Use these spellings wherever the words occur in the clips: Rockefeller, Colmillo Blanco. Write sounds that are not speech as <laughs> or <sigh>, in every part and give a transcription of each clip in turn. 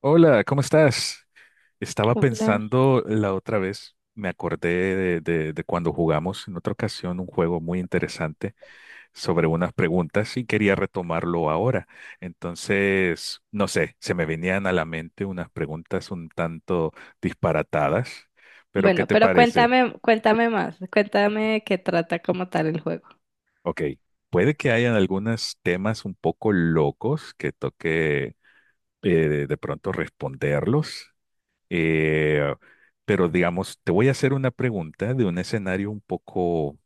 Hola, ¿cómo estás? Estaba Poplar. pensando la otra vez, me acordé de cuando jugamos en otra ocasión un juego muy interesante sobre unas preguntas y quería retomarlo ahora. Entonces, no sé, se me venían a la mente unas preguntas un tanto disparatadas, pero ¿qué Bueno, te pero parece? cuéntame más, cuéntame de qué trata como tal el juego, Ok, puede que hayan algunos temas un poco locos que toque de pronto responderlos. Eh, pero digamos, te voy a hacer una pregunta de un escenario un poco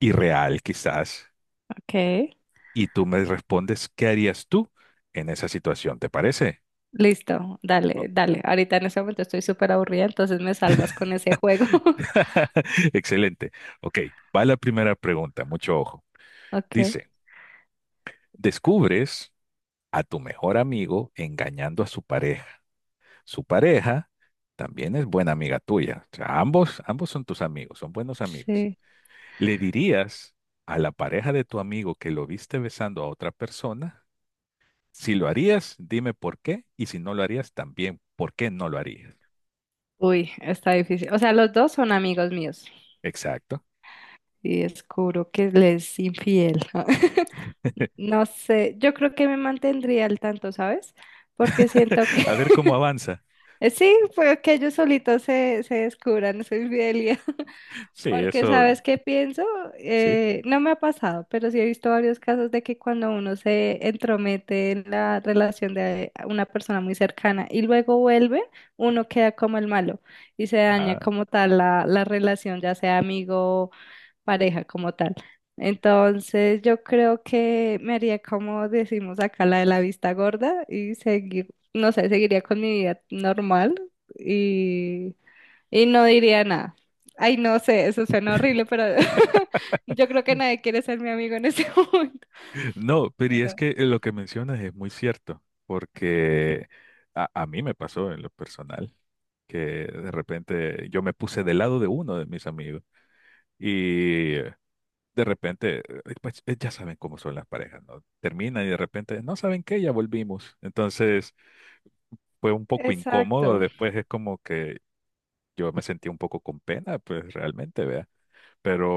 irreal quizás, ¿ok? y tú me respondes, ¿qué harías tú en esa situación? ¿Te parece? Listo, Oh. dale, dale. Ahorita en este momento estoy súper aburrida, entonces me salvas <laughs> con ese juego. <laughs> Excelente. Ok, va la primera pregunta, mucho ojo. Ok, Dice, descubres a tu mejor amigo engañando a su pareja. Su pareja también es buena amiga tuya. O sea, ambos son tus amigos, son buenos amigos. sí. ¿Le dirías a la pareja de tu amigo que lo viste besando a otra persona? Si lo harías, dime por qué. Y si no lo harías, también, ¿por qué no lo harías? Uy, está difícil. O sea, los dos son amigos míos Exacto. y descubro que le es infiel. <laughs> <laughs> No sé, yo creo que me mantendría al tanto, ¿sabes? Porque siento que A ver cómo avanza. <laughs> sí, fue que ellos solitos se descubran su infidelidad. Sí, Porque eso, sabes qué pienso. sí. No me ha pasado, pero sí he visto varios casos de que cuando uno se entromete en la relación de una persona muy cercana y luego vuelve, uno queda como el malo y se daña Ah. como tal la relación, ya sea amigo, pareja, como tal. Entonces yo creo que me haría, como decimos acá, la de la vista gorda y seguir, no sé, seguiría con mi vida normal y no diría nada. Ay, no sé, eso suena horrible, pero <laughs> yo creo que nadie quiere ser mi amigo en ese <laughs> momento. No, pero y es Pero- que lo que mencionas es muy cierto, porque a mí me pasó en lo personal, que de repente yo me puse del lado de uno de mis amigos. Y de repente, pues ya saben cómo son las parejas, ¿no? Terminan y de repente, no saben qué, ya volvimos. Entonces fue un poco incómodo, exacto. después es como que yo me sentí un poco con pena, pues realmente, vea,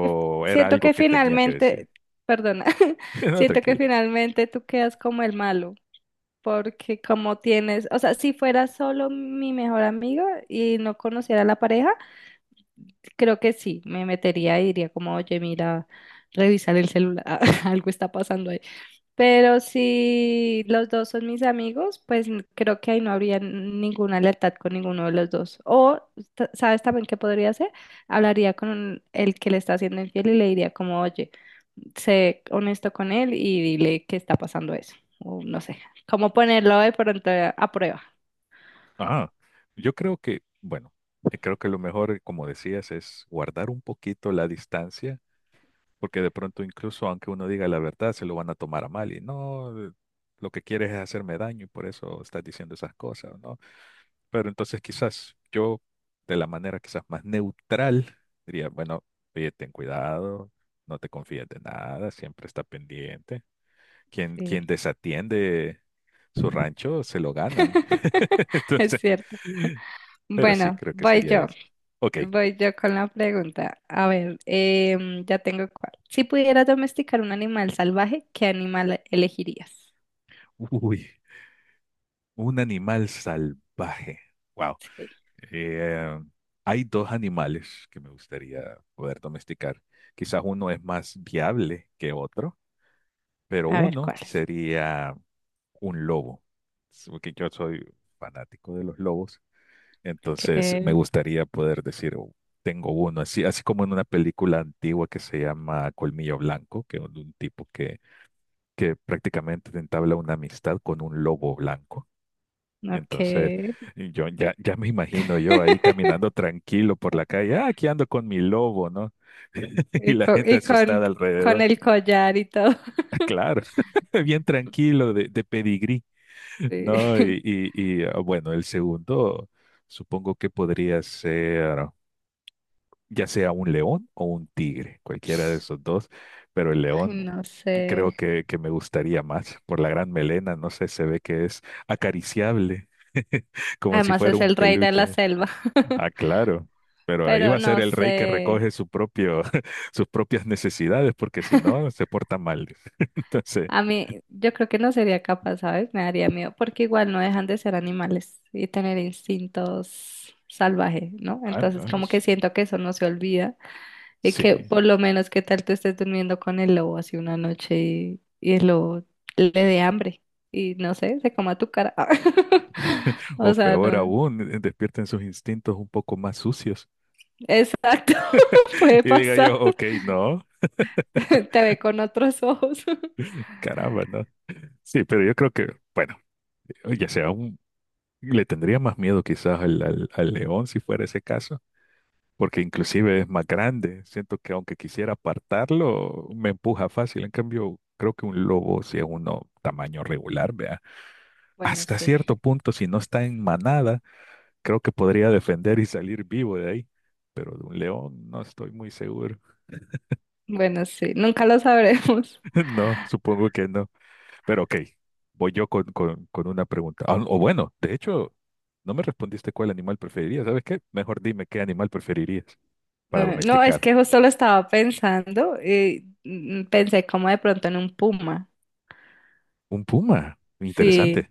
Que- era Siento algo que que tenía que decir. finalmente, perdona, <laughs> <laughs> No, siento que tranquilo. finalmente tú quedas como el malo, porque como tienes, o sea, si fuera solo mi mejor amigo y no conociera a la pareja, creo que sí, me metería y diría como, oye, mira, revisar el celular, <laughs> algo está pasando. Pero si los dos son mis amigos, pues creo que ahí no habría ninguna lealtad con ninguno de los dos. O, ¿sabes también qué podría hacer? Hablaría con el que le está haciendo infiel y le diría como, oye, sé honesto con él y dile que está pasando eso. O no sé, cómo ponerlo de pronto a prueba. Ah, yo creo que, bueno, creo que lo mejor, como decías, es guardar un poquito la distancia, porque de pronto incluso aunque uno diga la verdad, se lo van a tomar a mal y no, lo que quieres es hacerme daño y por eso estás diciendo esas cosas, ¿no? Pero entonces quizás yo, de la manera quizás más neutral, diría, bueno, oye, ten cuidado, no te confíes de nada, siempre está pendiente. Quien, Sí. quien desatiende su rancho, se lo ganan. <laughs> <laughs> Es Entonces, cierto. pero sí, Bueno, creo que voy sería yo. eso. Ok. Voy yo con la pregunta. A ver, ya tengo cuál. Si pudieras domesticar un animal salvaje, ¿qué animal elegirías? Uy, un animal salvaje. Wow. Sí. Eh, Hay dos animales que me gustaría poder domesticar. Quizás uno es más viable que otro, pero A ver, uno ¿cuál es? sería un lobo, es porque yo soy fanático de los lobos, entonces me ¿Qué? gustaría poder decir, "Oh, tengo uno, así, así como en una película antigua que se llama Colmillo Blanco, que es de un tipo que prácticamente entabla una amistad con un lobo blanco. ¿No Entonces, qué? ya me imagino yo ahí <laughs> caminando tranquilo por la calle, ah, aquí ando con mi lobo, ¿no? <laughs> Y Y la con, gente y con, asustada con alrededor. el collar y todo. <laughs> <laughs> Claro, <laughs> bien tranquilo, de pedigrí. No, Sí. Bueno, el segundo supongo que podría ser ya sea un león o un tigre, cualquiera de esos <laughs> dos, pero el Ay, león no creo sé. que me gustaría más por la gran melena, no sé, se ve que es acariciable, <laughs> como si Además fuera es un el rey de la peluche. selva. Ah, <laughs> claro, pero ahí va Pero a ser no el rey que sé. recoge su propio, <laughs> sus propias necesidades, porque si no, se porta mal. <laughs> Entonces, A mí, yo creo que no sería capaz, ¿sabes? Me daría miedo, porque igual no dejan de ser animales y tener instintos salvajes, ¿no? ah, no, Entonces, como que es, siento que eso no se olvida y que sí. por lo menos qué tal tú estés durmiendo con el lobo así una noche y el lobo le dé hambre y no sé, se coma tu cara. <laughs> O O sea, peor no. aún, despierten sus instintos un poco más sucios. Exacto, <laughs> <laughs> puede Y diga yo, pasar. ok, no, <laughs> Te ve con otros ojos. <laughs> caramba, no. Sí, pero yo creo que, bueno, ya sea un, le tendría más miedo quizás al león si fuera ese caso, porque inclusive es más grande. Siento que aunque quisiera apartarlo, me empuja fácil. En cambio, creo que un lobo, si es uno tamaño regular, vea, Bueno, hasta sí, cierto punto, si no está en manada, creo que podría defender y salir vivo de ahí. Pero de un león no estoy muy seguro. bueno, sí, nunca lo sabremos. <laughs> No, supongo que no. Pero ok, voy yo con una pregunta. Ah, o bueno, de hecho, no me respondiste cuál animal preferirías. ¿Sabes qué? Mejor dime qué animal preferirías para No, es domesticar. que justo lo estaba pensando y pensé como de pronto en un puma. Un puma. Sí, Interesante.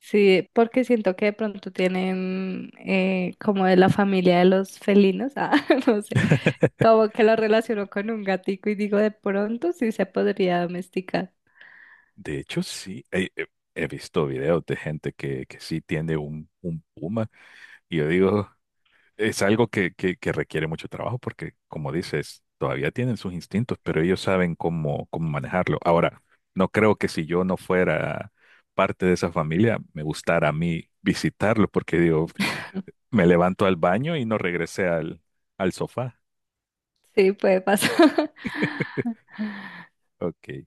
sí, porque siento que de pronto tienen como de la familia de los felinos, ah, <laughs> no sé, como que lo relaciono con un gatico y digo de pronto sí se podría domesticar. De hecho, sí. He visto videos de gente que sí tiene un puma. Y yo digo, es algo que requiere mucho trabajo porque, como dices, todavía tienen sus instintos, pero ellos saben cómo manejarlo. Ahora, no creo que si yo no fuera parte de esa familia, me gustara a mí visitarlo porque digo, me levanto al baño y no regresé al, al sofá. Sí, puede pasar. <laughs> <laughs> Ok. Y,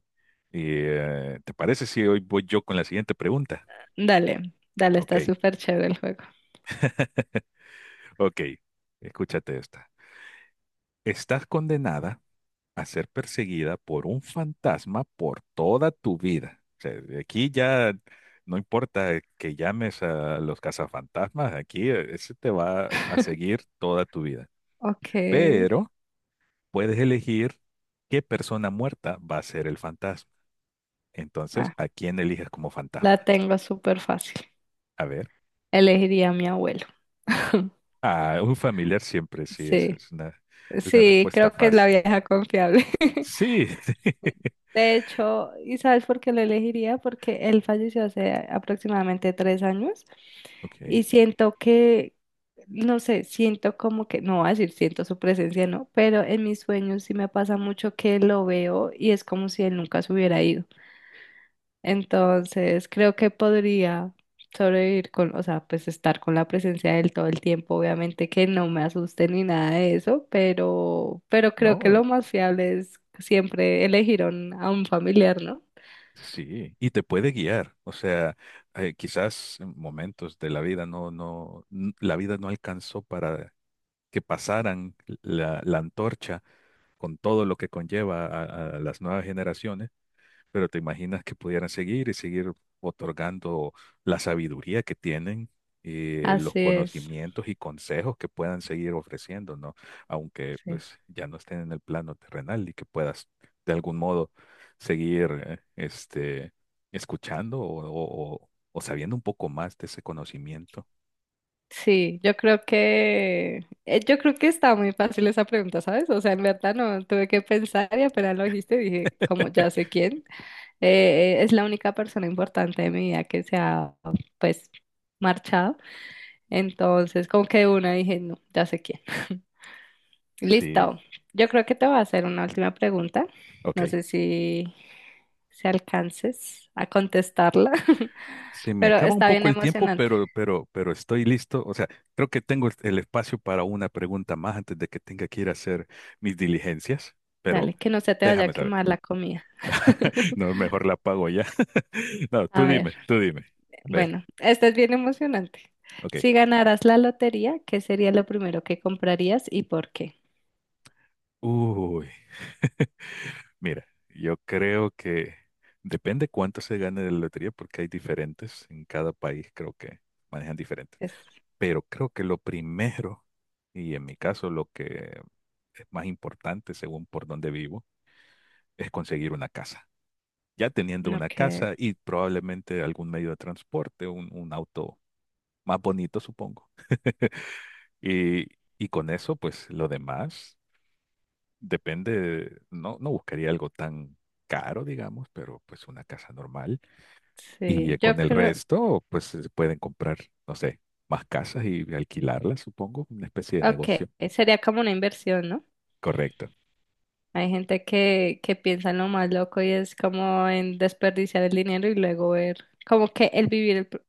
¿te parece si hoy voy yo con la siguiente pregunta? Dale, dale, Ok, está súper chévere el juego. ok. Escúchate esta. Estás condenada a ser perseguida por un fantasma por toda tu vida. O sea, de aquí ya no importa que llames a los cazafantasmas, aquí ese te va a seguir toda tu vida. Ok, Pero puedes elegir qué persona muerta va a ser el fantasma. Entonces, ah, ¿a quién eliges como la fantasma? tengo súper fácil. A ver, Elegiría a mi abuelo. <laughs> a un familiar siempre, sí, Sí. Es una Sí, respuesta creo que es la fácil. vieja confiable. <laughs> Sí, De hecho, ¿y sabes por qué lo elegiría? Porque él falleció hace aproximadamente 3 años <laughs> ok. y siento que, no sé, siento como que, no voy a decir siento su presencia, no, pero en mis sueños sí me pasa mucho que lo veo y es como si él nunca se hubiera ido. Entonces, creo que podría sobrevivir con, o sea, pues estar con la presencia de él todo el tiempo. Obviamente que no me asuste ni nada de eso, pero creo que No, lo más fiable es siempre elegir a un familiar, ¿no? sí, y te puede guiar. O sea, quizás en momentos de la vida no, no, n- la vida no alcanzó para que pasaran la, la antorcha con todo lo que conlleva a las nuevas generaciones. Pero te imaginas que pudieran seguir y seguir otorgando la sabiduría que tienen, los Así es. conocimientos y consejos que puedan seguir ofreciendo, ¿no? Aunque Sí, pues ya no estén en el plano terrenal y que puedas de algún modo seguir escuchando o sabiendo un poco más de ese conocimiento. Sí, yo creo que está muy fácil esa pregunta, ¿sabes? O sea, en verdad no tuve que pensar y apenas lo dijiste, dije, como ya sé quién, es la única persona importante de mi vida que se ha, pues, marchado. Entonces, como que de una dije, no, ya sé quién. <laughs> Sí, Listo. Yo creo que te voy a hacer una última pregunta. ok. No sé si alcances a contestarla, <laughs> Se me pero acaba un está bien poco el tiempo, emocionante. pero estoy listo. O sea, creo que tengo el espacio para una pregunta más antes de que tenga que ir a hacer mis diligencias, Dale, pero que no se te vaya déjame a saber. quemar la comida. <laughs> <laughs> No, mejor la pago ya. <laughs> No, A tú ver, dime, tú dime. A ver, bueno, esta es bien emocionante. ok. Si ganaras la lotería, ¿qué sería lo primero que comprarías y por qué? Uy, mira, yo creo que depende cuánto se gane de la lotería, porque hay diferentes en cada país, creo que manejan diferentes. Es, Pero creo que lo primero, y en mi caso lo que es más importante según por donde vivo, es conseguir una casa. Ya teniendo una ok, casa y probablemente algún medio de transporte, un auto más bonito, supongo. Y, y con eso, pues lo demás depende, no, no buscaría algo tan caro, digamos, pero pues una casa normal. Y sí, yo con el creo, resto, pues se pueden comprar, no sé, más casas y alquilarlas, supongo, una especie de ok, negocio. sería como una inversión, ¿no? Correcto. Hay gente que piensa en lo más loco y es como en desperdiciar el dinero y luego ver, como que el vivir el, pr-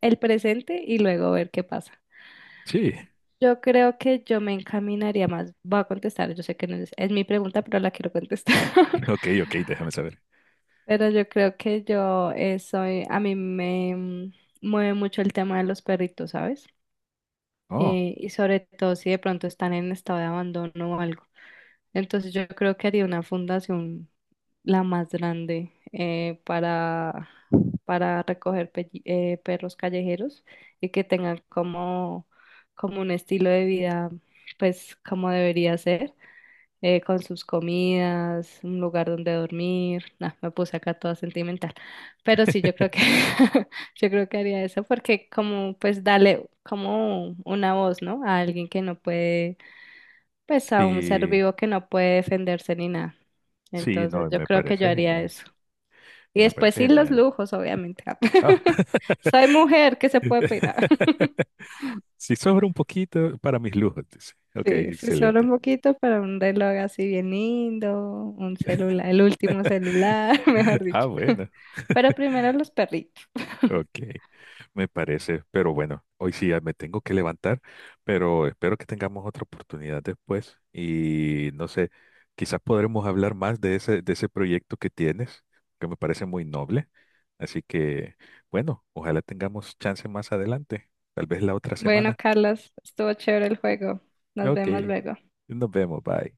el presente y luego ver qué pasa. Sí, Yo creo que yo me encaminaría más, voy a contestar, yo sé que no es mi pregunta, pero la quiero contestar. <laughs> <laughs> ok, ok, déjame saber. Pero yo creo que a mí me mueve mucho el tema de los perritos, ¿sabes? Oh, Y sobre todo si de pronto están en estado de abandono o algo. Entonces yo creo que haría una fundación la más grande para recoger perros callejeros y que tengan como un estilo de vida, pues como debería ser, con sus comidas, un lugar donde dormir. Nah, me puse acá toda sentimental. Pero sí, <laughs> yo creo que <laughs> yo creo que haría eso porque como pues darle como una voz, ¿no? A alguien que no puede pues a un ser sí, vivo que no puede defenderse ni nada. sí, no, Entonces yo me creo que yo parece haría genial. eso. Y Me después parece sí los genial. lujos, obviamente. Ah, <laughs> Soy mujer, ¿qué se puede pedir? <laughs> <laughs> si sobra un poquito para mis lujos, dice. Ok, Sí, sí, solo un excelente. poquito para un reloj así bien lindo, un celular, el último celular, <laughs> mejor <laughs> Ah, dicho. bueno, <laughs> Pero primero los perritos. ok, me parece. Pero bueno, hoy sí ya me tengo que levantar, pero espero que tengamos otra oportunidad después y no sé, quizás podremos hablar más de ese proyecto que tienes, que me parece muy noble. Así que, bueno, ojalá tengamos chance más adelante, tal vez la otra Bueno, semana. Carlos, estuvo chévere el juego. Nos Ok, vemos luego. nos vemos, bye.